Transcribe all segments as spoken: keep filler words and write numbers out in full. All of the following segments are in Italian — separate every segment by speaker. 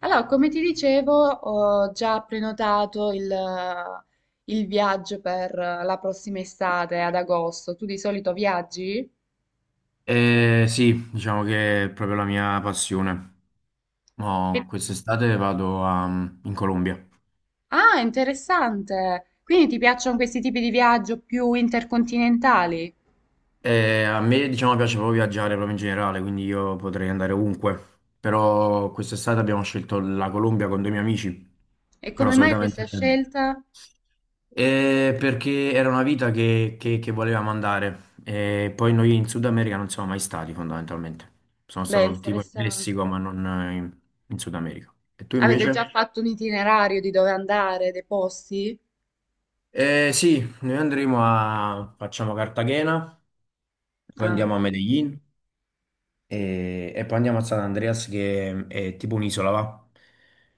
Speaker 1: Allora, come ti dicevo, ho già prenotato il, il viaggio per la prossima estate, ad agosto. Tu di solito viaggi?
Speaker 2: Eh, sì, diciamo che è proprio la mia passione. No,
Speaker 1: Che-
Speaker 2: quest'estate vado a- mm, in Colombia.
Speaker 1: Ah, interessante. Quindi ti piacciono questi tipi di viaggio più intercontinentali?
Speaker 2: E a me, diciamo, piace proprio viaggiare proprio in generale, quindi io potrei andare ovunque. Però quest'estate abbiamo scelto la Colombia con due miei amici.
Speaker 1: E
Speaker 2: Però
Speaker 1: come mai questa
Speaker 2: solitamente cioè,
Speaker 1: scelta?
Speaker 2: Eh, perché era una vita che, che- che volevamo andare. E poi noi in Sud America non siamo mai stati, fondamentalmente. Sono
Speaker 1: Beh,
Speaker 2: stato tipo in Messico,
Speaker 1: interessante.
Speaker 2: ma non eh, in in Sud America. E tu
Speaker 1: Avete già
Speaker 2: invece?
Speaker 1: fatto un itinerario di dove andare, dei posti?
Speaker 2: Eh, sì, noi andremo a facciamo Cartagena, poi
Speaker 1: Ah.
Speaker 2: andiamo a Medellin e, e poi andiamo a San Andreas che è tipo un'isola, va?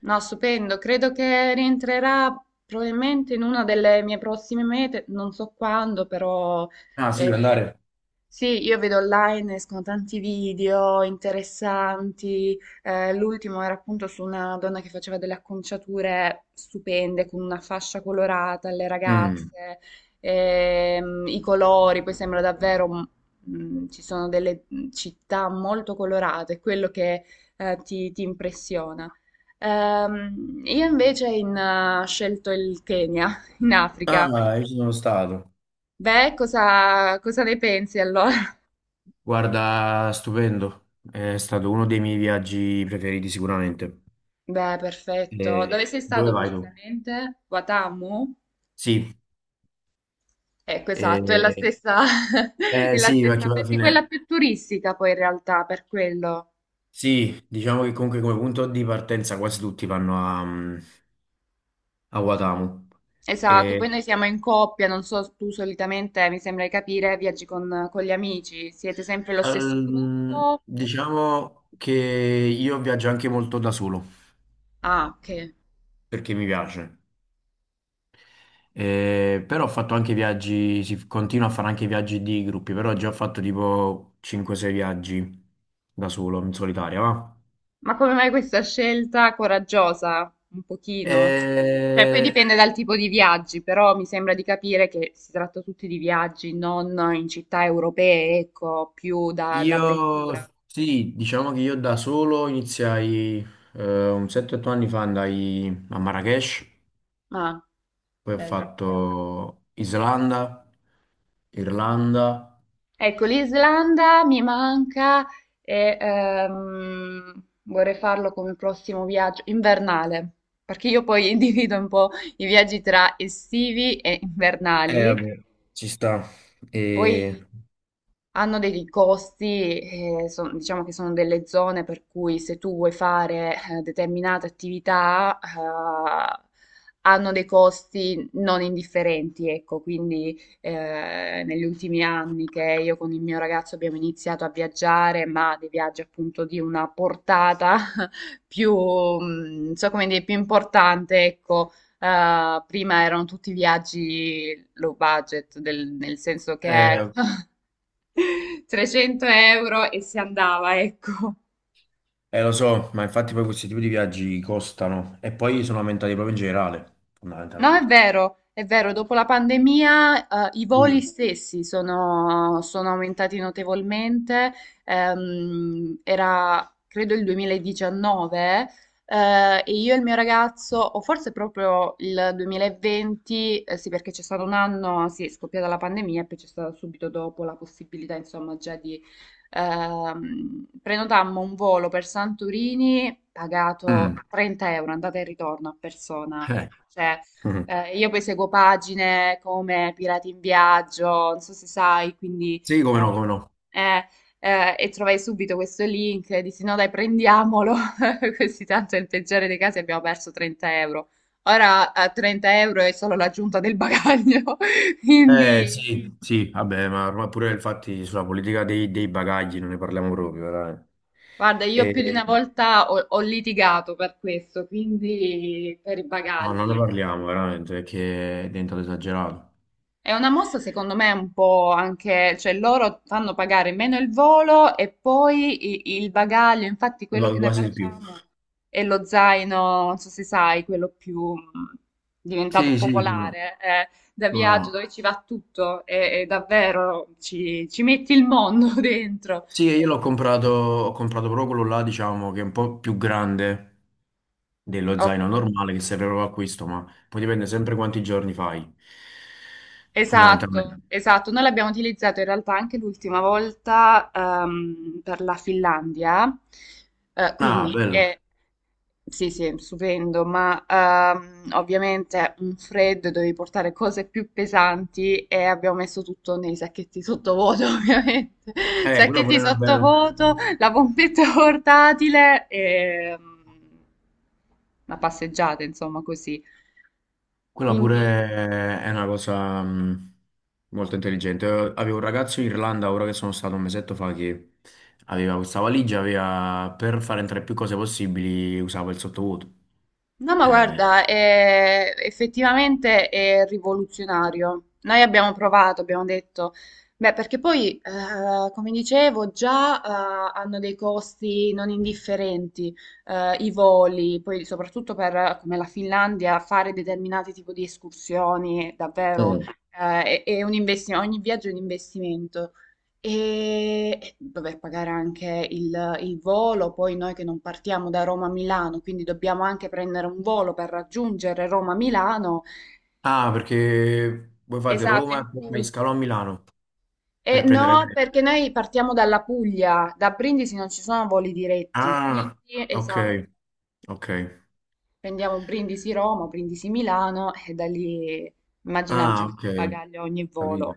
Speaker 1: No, stupendo. Credo che rientrerà probabilmente in una delle mie prossime mete, non so quando, però
Speaker 2: Ah, sì, vuoi
Speaker 1: eh,
Speaker 2: andare?
Speaker 1: sì, io vedo online, escono tanti video interessanti. Eh, l'ultimo era appunto su una donna che faceva delle acconciature stupende con una fascia colorata alle
Speaker 2: Mm.
Speaker 1: ragazze, ehm, i colori, poi sembra davvero, mm, mm, ci sono delle città molto colorate, quello che eh, ti ti impressiona. Ehm, io invece in, eh, ho scelto il Kenya, in Africa.
Speaker 2: Ah, io ci sono stato.
Speaker 1: Beh, cosa, cosa ne pensi allora?
Speaker 2: Guarda, stupendo. È stato uno dei miei viaggi preferiti sicuramente.
Speaker 1: Beh, perfetto.
Speaker 2: Eh,
Speaker 1: Dove sei
Speaker 2: Dove
Speaker 1: stato
Speaker 2: vai tu?
Speaker 1: precisamente? Watamu?
Speaker 2: Sì,
Speaker 1: Ecco, esatto, è la
Speaker 2: eh,
Speaker 1: stessa, è
Speaker 2: eh,
Speaker 1: la
Speaker 2: sì,
Speaker 1: stessa,
Speaker 2: perché alla
Speaker 1: perché quella
Speaker 2: fine.
Speaker 1: più turistica poi in realtà, per quello.
Speaker 2: Sì, diciamo che comunque come punto di partenza quasi tutti vanno a, mm, a Guatamo.
Speaker 1: Esatto, poi noi siamo in coppia, non so, tu solitamente, mi sembra di capire, viaggi con, con gli amici, siete sempre lo stesso
Speaker 2: Ehm,
Speaker 1: gruppo?
Speaker 2: diciamo che io viaggio anche molto da solo
Speaker 1: Ah, ok.
Speaker 2: perché mi piace. Eh, però ho fatto anche viaggi, si continua a fare anche viaggi di gruppi, però già ho fatto tipo cinque sei viaggi da solo, in solitaria, va?
Speaker 1: Ma come mai questa scelta coraggiosa? Un pochino. Cioè, poi
Speaker 2: Eh,
Speaker 1: dipende dal tipo di viaggi, però mi sembra di capire che si tratta tutti di viaggi, non in città europee, ecco, più da, da
Speaker 2: io
Speaker 1: avventura.
Speaker 2: sì, diciamo che io da solo iniziai eh, un sette otto anni fa andai a Marrakech,
Speaker 1: Ah,
Speaker 2: poi ho
Speaker 1: bello.
Speaker 2: fatto Islanda, Irlanda.
Speaker 1: Ecco, l'Islanda mi manca e ehm, vorrei farlo come prossimo viaggio invernale, perché io poi individuo un po' i viaggi tra estivi e
Speaker 2: Eh,
Speaker 1: invernali.
Speaker 2: vabbè, ci sta.
Speaker 1: Poi
Speaker 2: E,
Speaker 1: hanno dei costi, eh, son- diciamo che sono delle zone per cui se tu vuoi fare eh, determinate attività, eh, hanno dei costi non indifferenti, ecco, quindi eh, negli ultimi anni che io con il mio ragazzo abbiamo iniziato a viaggiare, ma dei viaggi appunto di una portata più, mm, non so come dire, più importante, ecco. Eh, prima erano tutti viaggi low budget, del- nel senso che
Speaker 2: Eh,
Speaker 1: trecento euro e si andava, ecco.
Speaker 2: eh, Lo so, ma infatti poi questi tipi di viaggi costano e poi sono aumentati proprio in generale,
Speaker 1: No, è
Speaker 2: fondamentalmente.
Speaker 1: vero, è vero, dopo la pandemia, eh, i voli
Speaker 2: Sì.
Speaker 1: stessi sono, sono aumentati notevolmente. Ehm, era, credo, il duemiladiciannove, eh, e io e il mio ragazzo, o forse proprio il duemilaventi, eh, sì, perché c'è stato un anno, sì, è scoppiata la pandemia e poi c'è stata subito dopo la possibilità, insomma, già di ehm, prenotammo un volo per Santorini pagato
Speaker 2: Mm.
Speaker 1: trenta euro, andata e ritorno a persona.
Speaker 2: Eh.
Speaker 1: Cioè,
Speaker 2: mm.
Speaker 1: eh, io poi seguo pagine come Pirati in Viaggio, non so se sai, quindi
Speaker 2: Sì, come no,
Speaker 1: eh,
Speaker 2: come no.
Speaker 1: eh, eh, e trovai subito questo link e dissi no dai prendiamolo, così tanto nel peggiore dei casi abbiamo perso trenta euro. Ora a trenta euro è solo l'aggiunta del bagaglio,
Speaker 2: Eh,
Speaker 1: quindi
Speaker 2: sì, sì, vabbè, ma ormai pure infatti sulla politica dei, dei bagagli non ne parliamo proprio, veramente.
Speaker 1: guarda, io più di
Speaker 2: E-
Speaker 1: una volta ho, ho litigato per questo, quindi per i
Speaker 2: no, non ne
Speaker 1: bagagli.
Speaker 2: parliamo, veramente, perché è diventato esagerato.
Speaker 1: È una mossa secondo me un po' anche, cioè loro fanno pagare meno il volo e poi i- il bagaglio, infatti
Speaker 2: Lo
Speaker 1: quello
Speaker 2: so,
Speaker 1: che noi
Speaker 2: quasi di più.
Speaker 1: facciamo è lo zaino, non so se sai, quello più mh, diventato
Speaker 2: Sì, sì, come no,
Speaker 1: popolare, eh, da
Speaker 2: come
Speaker 1: viaggio
Speaker 2: no.
Speaker 1: dove ci va tutto e, e davvero ci, ci metti il mondo dentro.
Speaker 2: Sì, io l'ho comprato, ho comprato proprio quello là, diciamo, che è un po' più grande dello zaino normale che serve proprio a questo, ma poi dipende sempre quanti giorni fai,
Speaker 1: Esatto,
Speaker 2: fondamentalmente.
Speaker 1: esatto. Noi l'abbiamo utilizzato in realtà anche l'ultima volta ehm, per la Finlandia. Eh,
Speaker 2: Ah,
Speaker 1: quindi
Speaker 2: bello.
Speaker 1: è, sì, sì, stupendo, ma ehm, ovviamente un freddo dovevi portare cose più pesanti e abbiamo messo tutto nei sacchetti sottovuoto, ovviamente.
Speaker 2: Eh, quella pure
Speaker 1: Sacchetti
Speaker 2: è una bella.
Speaker 1: sottovuoto, la pompetta portatile e mm, una passeggiata, insomma, così.
Speaker 2: Quella
Speaker 1: Quindi,
Speaker 2: pure è una cosa mh, molto intelligente. Eh, Avevo un ragazzo in Irlanda, ora che sono stato un mesetto fa, che aveva questa valigia, aveva, per fare entrare più cose possibili, usava il sottovuoto.
Speaker 1: no, ma
Speaker 2: Eh.
Speaker 1: guarda, è- effettivamente è rivoluzionario. Noi abbiamo provato, abbiamo detto, beh, perché poi, eh, come dicevo, già, eh, hanno dei costi non indifferenti, eh, i voli, poi soprattutto per, eh, come la Finlandia, fare determinati tipi di escursioni, davvero,
Speaker 2: Mm.
Speaker 1: eh, è, è un investimento, ogni viaggio è un investimento. E e vabbè, pagare anche il, il volo, poi noi che non partiamo da Roma a Milano, quindi dobbiamo anche prendere un volo per raggiungere Roma a Milano.
Speaker 2: Ah, perché voi fate
Speaker 1: Esatto,
Speaker 2: Roma
Speaker 1: in
Speaker 2: e poi fai
Speaker 1: Puglia.
Speaker 2: scalo a Milano
Speaker 1: E
Speaker 2: per prendere
Speaker 1: no,
Speaker 2: l'aereo.
Speaker 1: perché noi partiamo dalla Puglia, da Brindisi non ci sono voli diretti, quindi
Speaker 2: Ah, ok,
Speaker 1: esatto,
Speaker 2: ok.
Speaker 1: prendiamo Brindisi Roma, Brindisi Milano e da lì immagina
Speaker 2: Ah,
Speaker 1: aggiungere
Speaker 2: ok,
Speaker 1: bagaglio a ogni
Speaker 2: capito.
Speaker 1: volo.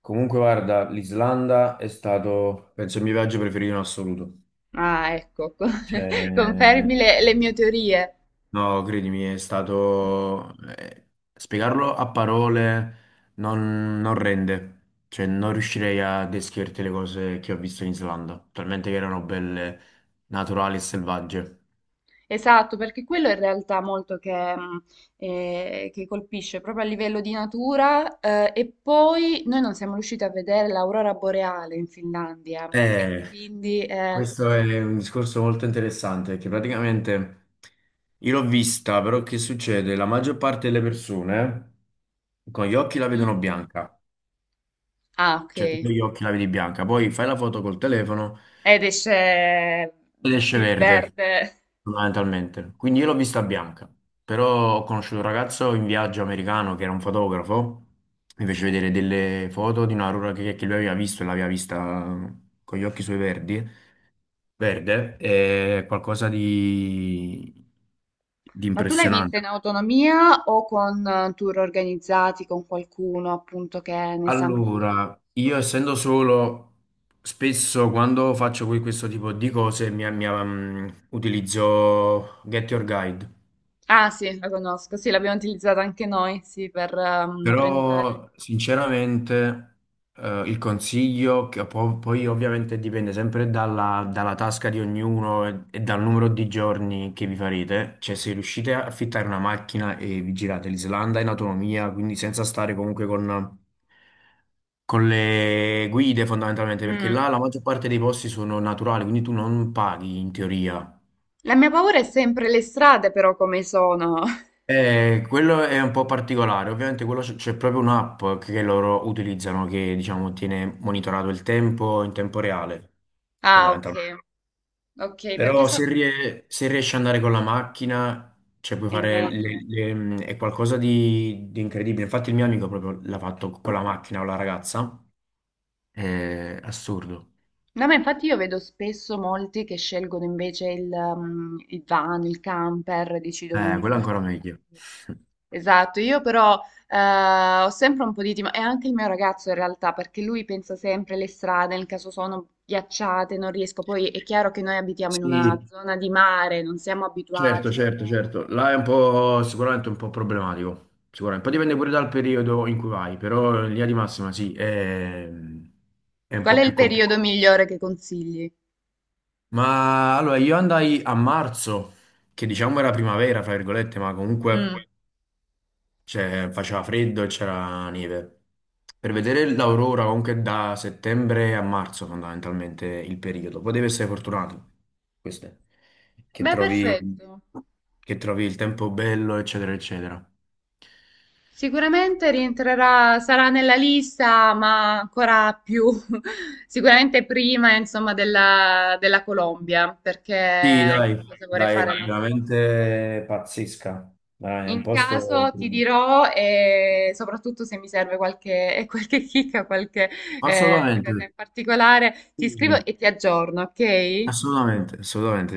Speaker 2: Comunque, guarda, l'Islanda è stato, penso, il mio viaggio preferito in assoluto.
Speaker 1: Ah, ecco,
Speaker 2: Cioè,
Speaker 1: confermi le le mie teorie.
Speaker 2: no, credimi, è stato eh, spiegarlo a parole non, non rende. Cioè, non riuscirei a descriverti le cose che ho visto in Islanda, talmente che erano belle, naturali e selvagge.
Speaker 1: Esatto, perché quello è in realtà molto che, mh, eh, che colpisce proprio a livello di natura, eh, e poi noi non siamo riusciti a vedere l'aurora boreale in Finlandia e
Speaker 2: Eh,
Speaker 1: quindi... eh,
Speaker 2: Questo è un discorso molto interessante, che praticamente io l'ho vista, però che succede? La maggior parte delle persone con gli occhi la
Speaker 1: Mm?
Speaker 2: vedono bianca,
Speaker 1: Ah,
Speaker 2: cioè tu con
Speaker 1: ok.
Speaker 2: gli occhi la vedi bianca, poi fai la foto col telefono
Speaker 1: Ed esce
Speaker 2: ed esce
Speaker 1: il
Speaker 2: verde,
Speaker 1: verde.
Speaker 2: fondamentalmente. Quindi io l'ho vista bianca, però ho conosciuto un ragazzo in viaggio americano che era un fotografo, mi fece vedere delle foto di una Aurora che, che lui aveva visto e l'aveva vista con gli occhi suoi verdi. Verde è qualcosa di, di
Speaker 1: Ma tu l'hai vista in
Speaker 2: impressionante.
Speaker 1: autonomia o con eh, tour organizzati con qualcuno appunto che ne sa meglio del
Speaker 2: Allora, io
Speaker 1: posto?
Speaker 2: essendo solo, spesso quando faccio que- questo tipo di cose mi, mi- mm, utilizzo Get Your Guide.
Speaker 1: Ah sì, la conosco, sì, l'abbiamo utilizzata anche noi, sì, per ehm, prenotare.
Speaker 2: Però sinceramente eh, il consiglio, che po- poi ovviamente dipende sempre dalla, dalla tasca di ognuno e, e dal numero di giorni che vi farete, cioè se riuscite a affittare una macchina e vi girate l'Islanda in autonomia, quindi senza stare comunque con, con le guide fondamentalmente, perché
Speaker 1: Mm.
Speaker 2: là la maggior parte dei posti sono naturali, quindi tu non paghi in teoria.
Speaker 1: La mia paura è sempre le strade, però, come sono.
Speaker 2: Eh, quello è un po' particolare, ovviamente quello c'è c'è proprio un'app che loro utilizzano che diciamo tiene monitorato il tempo in tempo reale,
Speaker 1: Ah, ok,
Speaker 2: fondamentalmente.
Speaker 1: ok, perché
Speaker 2: Però
Speaker 1: sono...
Speaker 2: se, rie- se riesci ad andare con la macchina, cioè puoi
Speaker 1: È
Speaker 2: fare
Speaker 1: meglio.
Speaker 2: le- le- è qualcosa di, di incredibile. Infatti il mio amico proprio l'ha fatto con la macchina o la ragazza, è assurdo.
Speaker 1: No, ma infatti io vedo spesso molti che scelgono invece il, um, il van, il camper, decidono
Speaker 2: Eh,
Speaker 1: di
Speaker 2: quello è
Speaker 1: farsi.
Speaker 2: ancora meglio.
Speaker 1: Esatto, io però eh, ho sempre un po' di timore, e anche il mio ragazzo in realtà, perché lui pensa sempre alle strade, nel caso sono ghiacciate, non riesco. Poi è chiaro che noi abitiamo in una
Speaker 2: Sì,
Speaker 1: zona di mare, non siamo
Speaker 2: certo,
Speaker 1: abituati a
Speaker 2: certo, certo. Là è un po' sicuramente un po' problematico. Sicuramente. Poi dipende pure dal periodo in cui vai, però in linea di massima sì, è, è un
Speaker 1: qual
Speaker 2: po'
Speaker 1: è
Speaker 2: più
Speaker 1: il
Speaker 2: complicato.
Speaker 1: periodo migliore che consigli?
Speaker 2: Ma allora io andai a marzo, che diciamo era primavera, fra virgolette, ma
Speaker 1: Mm.
Speaker 2: comunque cioè, faceva freddo e c'era neve. Per vedere l'aurora comunque da settembre a marzo fondamentalmente il periodo. Poi devi essere fortunato, questo è. Che
Speaker 1: Beh,
Speaker 2: trovi,
Speaker 1: perfetto.
Speaker 2: che trovi il tempo bello, eccetera, eccetera.
Speaker 1: Sicuramente rientrerà, sarà nella lista, ma ancora più, sicuramente prima, insomma, della, della Colombia,
Speaker 2: Sì,
Speaker 1: perché
Speaker 2: dai,
Speaker 1: cosa vorrei fare
Speaker 2: dai,
Speaker 1: l'anno prossimo.
Speaker 2: veramente pazzesca. Dai, è un
Speaker 1: In
Speaker 2: posto.
Speaker 1: caso ti dirò, e soprattutto se mi serve qualche, qualche chicca, qualche eh, cosa
Speaker 2: Assolutamente,
Speaker 1: in particolare, ti scrivo
Speaker 2: sì,
Speaker 1: e ti aggiorno, ok?
Speaker 2: assolutamente, assolutamente.